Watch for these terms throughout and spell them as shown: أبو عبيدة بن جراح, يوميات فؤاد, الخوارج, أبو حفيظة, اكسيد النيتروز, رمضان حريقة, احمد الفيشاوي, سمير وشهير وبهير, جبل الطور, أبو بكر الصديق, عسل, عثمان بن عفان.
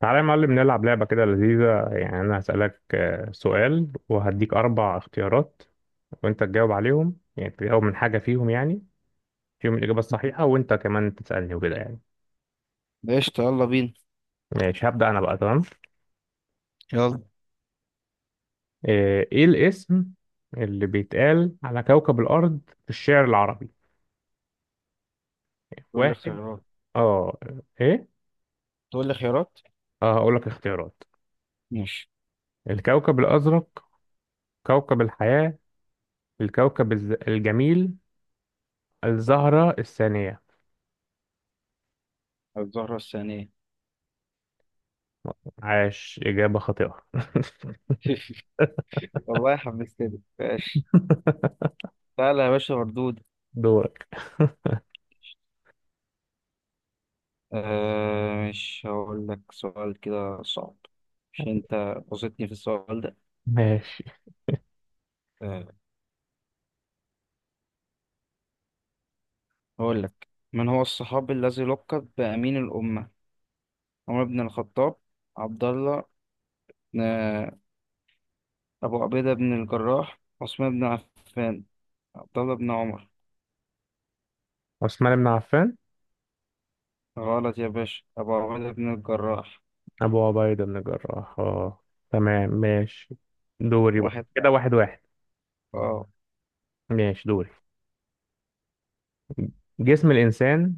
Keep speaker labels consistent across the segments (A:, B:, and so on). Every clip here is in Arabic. A: تعالى يا معلم، نلعب لعبة كده لذيذة. يعني أنا هسألك سؤال وهديك أربع اختيارات، وأنت تجاوب عليهم. يعني تجاوب من حاجة فيهم، يعني فيهم الإجابة الصحيحة. وأنت كمان تسألني وكده يعني.
B: قشطة، يلا بينا.
A: ماشي، هبدأ أنا بقى. تمام.
B: يلا،
A: إيه الاسم اللي بيتقال على كوكب الأرض في الشعر العربي؟
B: تقول لي
A: واحد.
B: اختيارات.
A: آه. إيه.
B: تقول لي خيارات.
A: هقول لك اختيارات.
B: ماشي.
A: الكوكب الأزرق، كوكب الحياة، الجميل، الزهرة الثانية.
B: الزهرة الثانية.
A: عاش، إجابة خاطئة.
B: والله حمستني، ماشي. تعالى يا باشا مردود.
A: دورك.
B: مش هقول لك سؤال كده صعب. مش انت بصيتني في السؤال ده؟
A: ماشي.
B: آه هقول لك: من هو الصحابي الذي لقب بأمين الأمة؟ عمر بن الخطاب، عبد الله، آه أبو عبيدة بن الجراح، عثمان بن عفان، عبد الله بن عمر.
A: عثمان بن عفان.
B: غلط يا باشا، أبو عبيدة بن الجراح.
A: أبو عبيدة بن جراح، اه. تمام ماشي. دوري بقى
B: واحد
A: كده،
B: واحد.
A: واحد واحد.
B: اه.
A: ماشي دوري. جسم الإنسان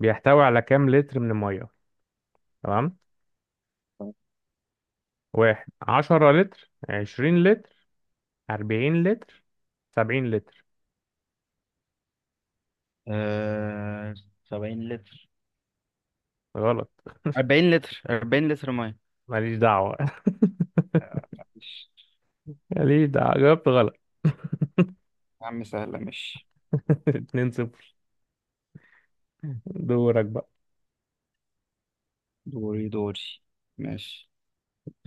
A: بيحتوي على كام لتر من المية؟ تمام. واحد، عشرة لتر، عشرين لتر، أربعين لتر، سبعين لتر.
B: آه... 70 لتر.
A: غلط.
B: 40 لتر. 40 لتر ميه.
A: ماليش دعوة.
B: ماشي.
A: ماليش دعوة، جاوبت غلط.
B: يا عم سهلة، ماشي.
A: اتنين صفر. دورك بقى.
B: دوري دوري. ماشي،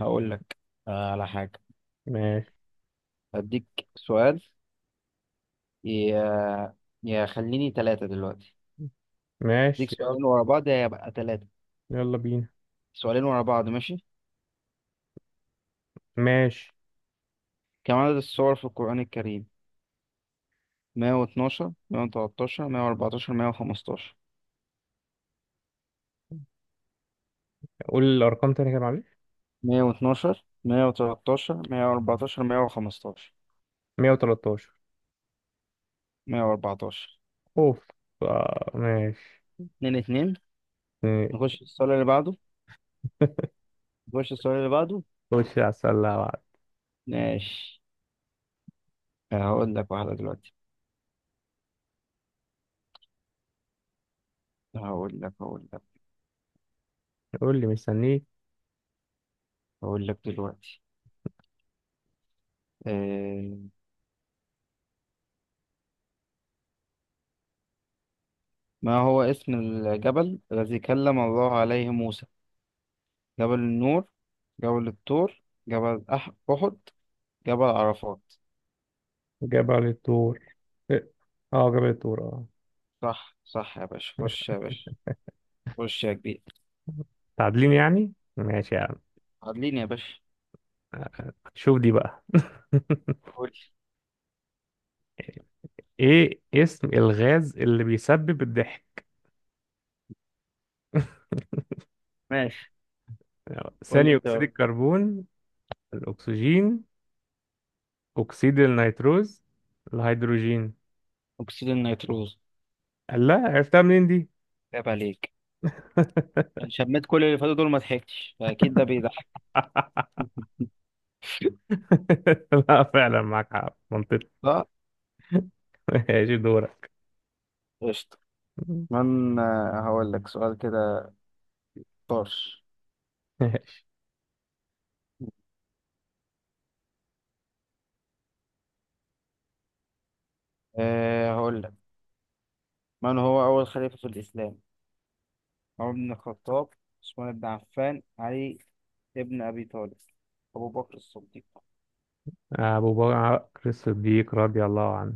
B: هقول لك على حاجة.
A: ماشي.
B: أديك سؤال، يا يا خليني ثلاثة دلوقتي. أديك
A: ماشي يلا.
B: سؤالين ورا بعض، يا يبقى ثلاثة.
A: يلا بينا.
B: سؤالين ورا بعض، ماشي.
A: ماشي.
B: كم عدد السور في القرآن الكريم؟ 112، 113، 114، 115.
A: قول الأرقام تاني كده، معلش.
B: 112، 113، 114، 115.
A: 113.
B: 114. 114.
A: اوف. آه ماشي.
B: 2 2.
A: إيه،
B: نخش السؤال اللي بعده. نخش السؤال اللي بعده.
A: خش على السلة بعد.
B: ماشي، هقول لك واحدة دلوقتي. هقول لك هقول لك
A: قول لي، مستنيك.
B: هقول لك دلوقتي. آه، ما هو اسم الجبل الذي كلم الله عليه موسى؟ جبل النور، جبل الطور، أحد، جبل عرفات.
A: جبل الطور. إيه، اه جبل الطور اه.
B: صح صح يا باشا، خش يا باشا، خش يا كبير.
A: تعادلين يعني، ماشي يا عم.
B: عدليني يا باشا.
A: شوف دي بقى.
B: قول لي.
A: ايه اسم الغاز اللي بيسبب الضحك؟
B: ماشي. قول لي
A: ثاني اكسيد
B: اختيار.
A: الكربون، الاكسجين، اكسيد النيتروز، الهيدروجين.
B: أكسيد النيتروز.
A: لا، عرفتها منين دي؟
B: عيب عليك، أنا شميت كل اللي فاتوا دول ما ضحكتش، فأكيد ده بيضحك.
A: لا فعلا معاك حق، منطقي.
B: صح.
A: ماشي دورك.
B: قشطة. من آه، هقول لك سؤال كده طرش. أه هقول لك: من هو أول خليفة في الإسلام؟ عمر بن الخطاب، عثمان بن عفان، علي ابن أبي طالب، أبو بكر الصديق.
A: أبو بكر الصديق رضي الله عنه.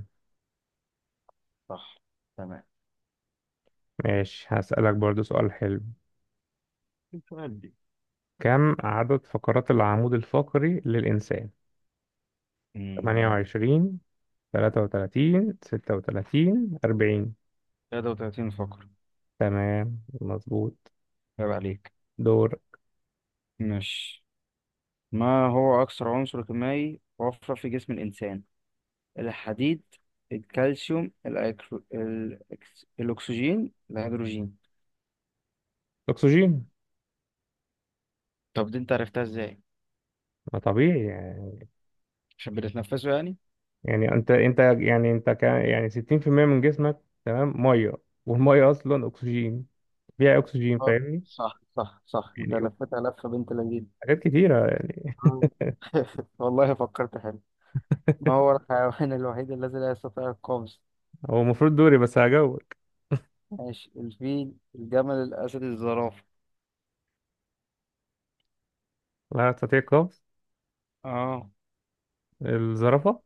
B: صح، تمام.
A: ماشي، هسألك برضو سؤال حلو.
B: السؤال دي.
A: كم عدد فقرات العمود الفقري للإنسان؟
B: مم.
A: 28، 33، 36، 40.
B: 33 فقرة.
A: تمام مظبوط.
B: عيب عليك.
A: دور.
B: مش، ما هو أكثر عنصر كيميائي موفر في جسم الإنسان؟ الحديد، الكالسيوم، الأكسجين، الهيدروجين.
A: أكسجين.
B: طب دي أنت عرفتها إزاي؟
A: ما طبيعي يعني.
B: عشان بنتنفسه يعني.
A: يعني أنت يعني أنت كان يعني 60% من جسمك، تمام، مية. والمية أصلا أكسجين. فيها أكسجين،
B: آه،
A: فاهمني؟
B: صح صح صح، انت
A: يعني
B: لفتها لفة بنت لذينه.
A: حاجات كتيرة يعني.
B: آه. والله فكرت حلو. ما هو الحيوان الوحيد الذي لا يستطيع القفز؟
A: هو المفروض دوري، بس هجاوبك.
B: ماشي، الفيل، الجمل، الأسد، الزرافة.
A: لا تستطيع القفز.
B: اه،
A: الزرافة.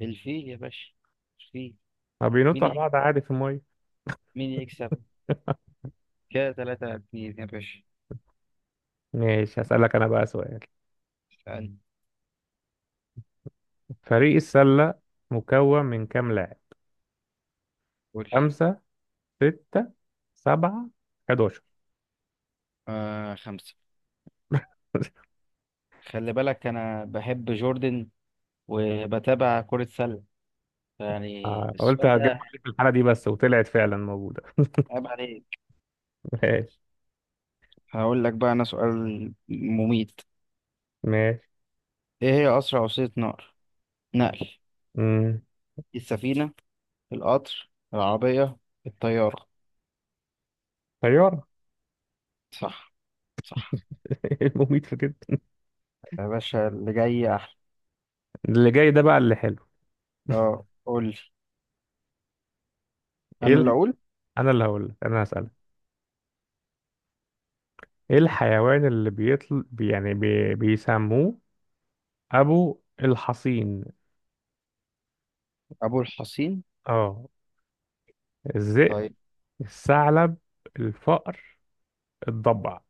B: الفيل يا باشا، الفيل.
A: ما
B: مين
A: بينطوا على
B: يك-
A: بعض عادي في المية.
B: مين يكسب؟ كده تلاتة اتنين يا باشا.
A: ماشي، هسألك أنا بقى سؤال.
B: اسألني.
A: فريق السلة مكون من كام لاعب؟
B: قول لي.
A: خمسة، ستة، سبعة، 11.
B: آه، خمسة. خلي بالك أنا بحب جوردن وبتابع كرة سلة، يعني
A: قلت
B: السؤال
A: هتجمع
B: ده.
A: لك في الحالة دي بس، وطلعت فعلا موجودة.
B: عيب عليك.
A: ماشي.
B: هقول لك بقى أنا سؤال مميت.
A: ماشي.
B: إيه هي أسرع وسيلة نقل؟ نقل.
A: امم
B: السفينة، القطر العربية، الطيارة.
A: طيارة.
B: صح صح
A: إيه المميت في كده؟
B: يا باشا، اللي جاي أحلى.
A: اللي جاي ده بقى اللي حلو.
B: أه قول لي،
A: ايه
B: أنا
A: ال...
B: اللي
A: مم.
B: أقول.
A: انا اللي هقول لك، انا هسألك. ايه الحيوان اللي بيطل بيسموه ابو الحصين.
B: أبو الحصين؟
A: اه. الذئب،
B: طيب.
A: الثعلب، الفأر، الضبع.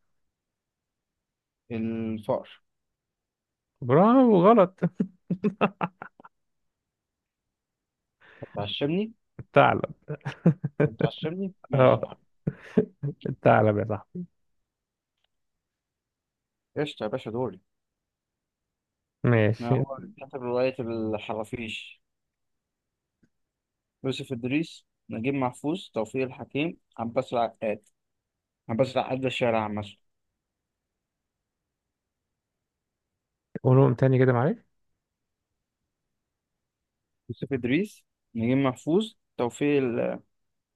B: الفقر.
A: برافو غلط.
B: هتعشمني.
A: الثعلب.
B: هتعشمني،
A: اه
B: ماشي يا عم.
A: الثعلب يا صاحبي.
B: قشطة يا باشا، دوري.
A: ماشي.
B: أنا هو كاتب رواية الحرافيش: يوسف إدريس، نجيب محفوظ، توفيق الحكيم، عباس العقاد. عباس العقاد ده الشاعر عامة.
A: قولهم تاني كده معلش.
B: يوسف إدريس، نجيب محفوظ،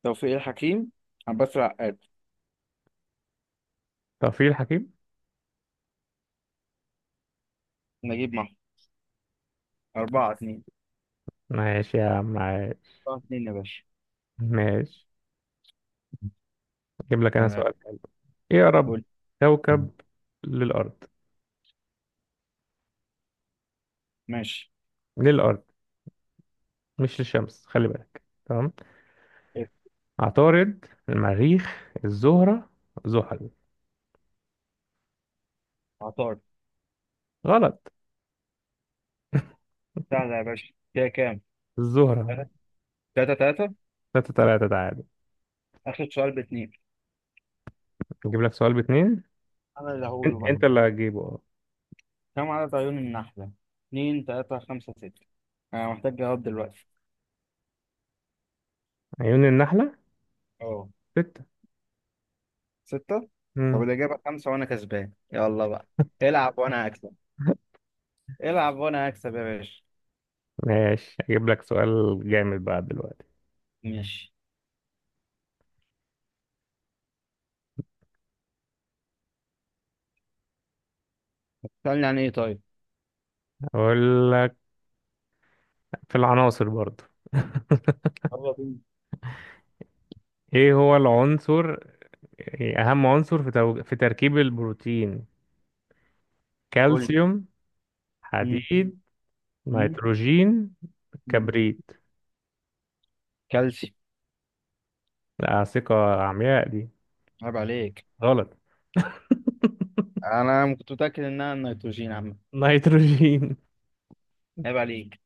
B: توفيق الحكيم، عباس العقاد.
A: ترفيه الحكيم.
B: نجيب محفوظ. أربعة اتنين.
A: ماشي يا عم عايش.
B: أربعة اتنين يا باشا.
A: ماشي، اجيب لك انا
B: آه.
A: سؤال حلو. ايه اقرب
B: قول.
A: كوكب للارض؟
B: ماشي.
A: للارض مش للشمس، خلي بالك. تمام.
B: إيه.
A: عطارد، المريخ، الزهرة، زحل.
B: عطار.
A: غلط.
B: سهلة يا باشا، كده كام؟
A: الزهرة.
B: تلاتة تلاتة.
A: ستة تلاتة، تعادل.
B: آخر سؤال باتنين.
A: اجيب لك سؤال باتنين.
B: أنا اللي هقوله بقى.
A: انت اللي هتجيبه اه.
B: كم عدد عيون النحلة؟ اتنين، تلاتة، خمسة، ستة. أنا محتاج جواب دلوقتي.
A: عيون النحلة.
B: أه،
A: ستة.
B: ستة. طب
A: مم.
B: الإجابة خمسة، وأنا كسبان يلا بقى. العب وأنا هكسب. العب وأنا هكسب يا باشا.
A: ماشي، اجيب لك سؤال جامد بقى دلوقتي.
B: ماشي، سألني عن إيه طيب؟
A: اقول لك، في العناصر برضو.
B: يلا بينا.
A: ايه هو العنصر، إيه اهم عنصر في في تركيب البروتين؟
B: قول لي.
A: كالسيوم،
B: مم.
A: حديد، نيتروجين،
B: مم.
A: كبريت.
B: كالسيوم.
A: لا، ثقة عمياء دي.
B: عيب عليك.
A: غلط.
B: انا كنت متاكد انها النيتروجين عم.
A: نيتروجين.
B: عيب عليك.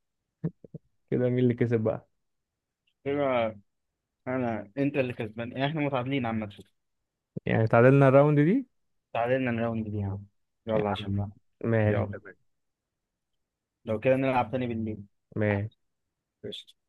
A: كده مين اللي كسب بقى؟
B: انا انا انت اللي كسبان يعني، احنا متعادلين عامه.
A: يعني تعادلنا الراوند دي
B: تعادلنا الراوند دي يا عم.
A: يا
B: يلا
A: عم.
B: عشان بقى.
A: ماشي
B: يلا.
A: تمام.
B: لو كده نلعب تاني بالليل.
A: ماشي.
B: قشطة.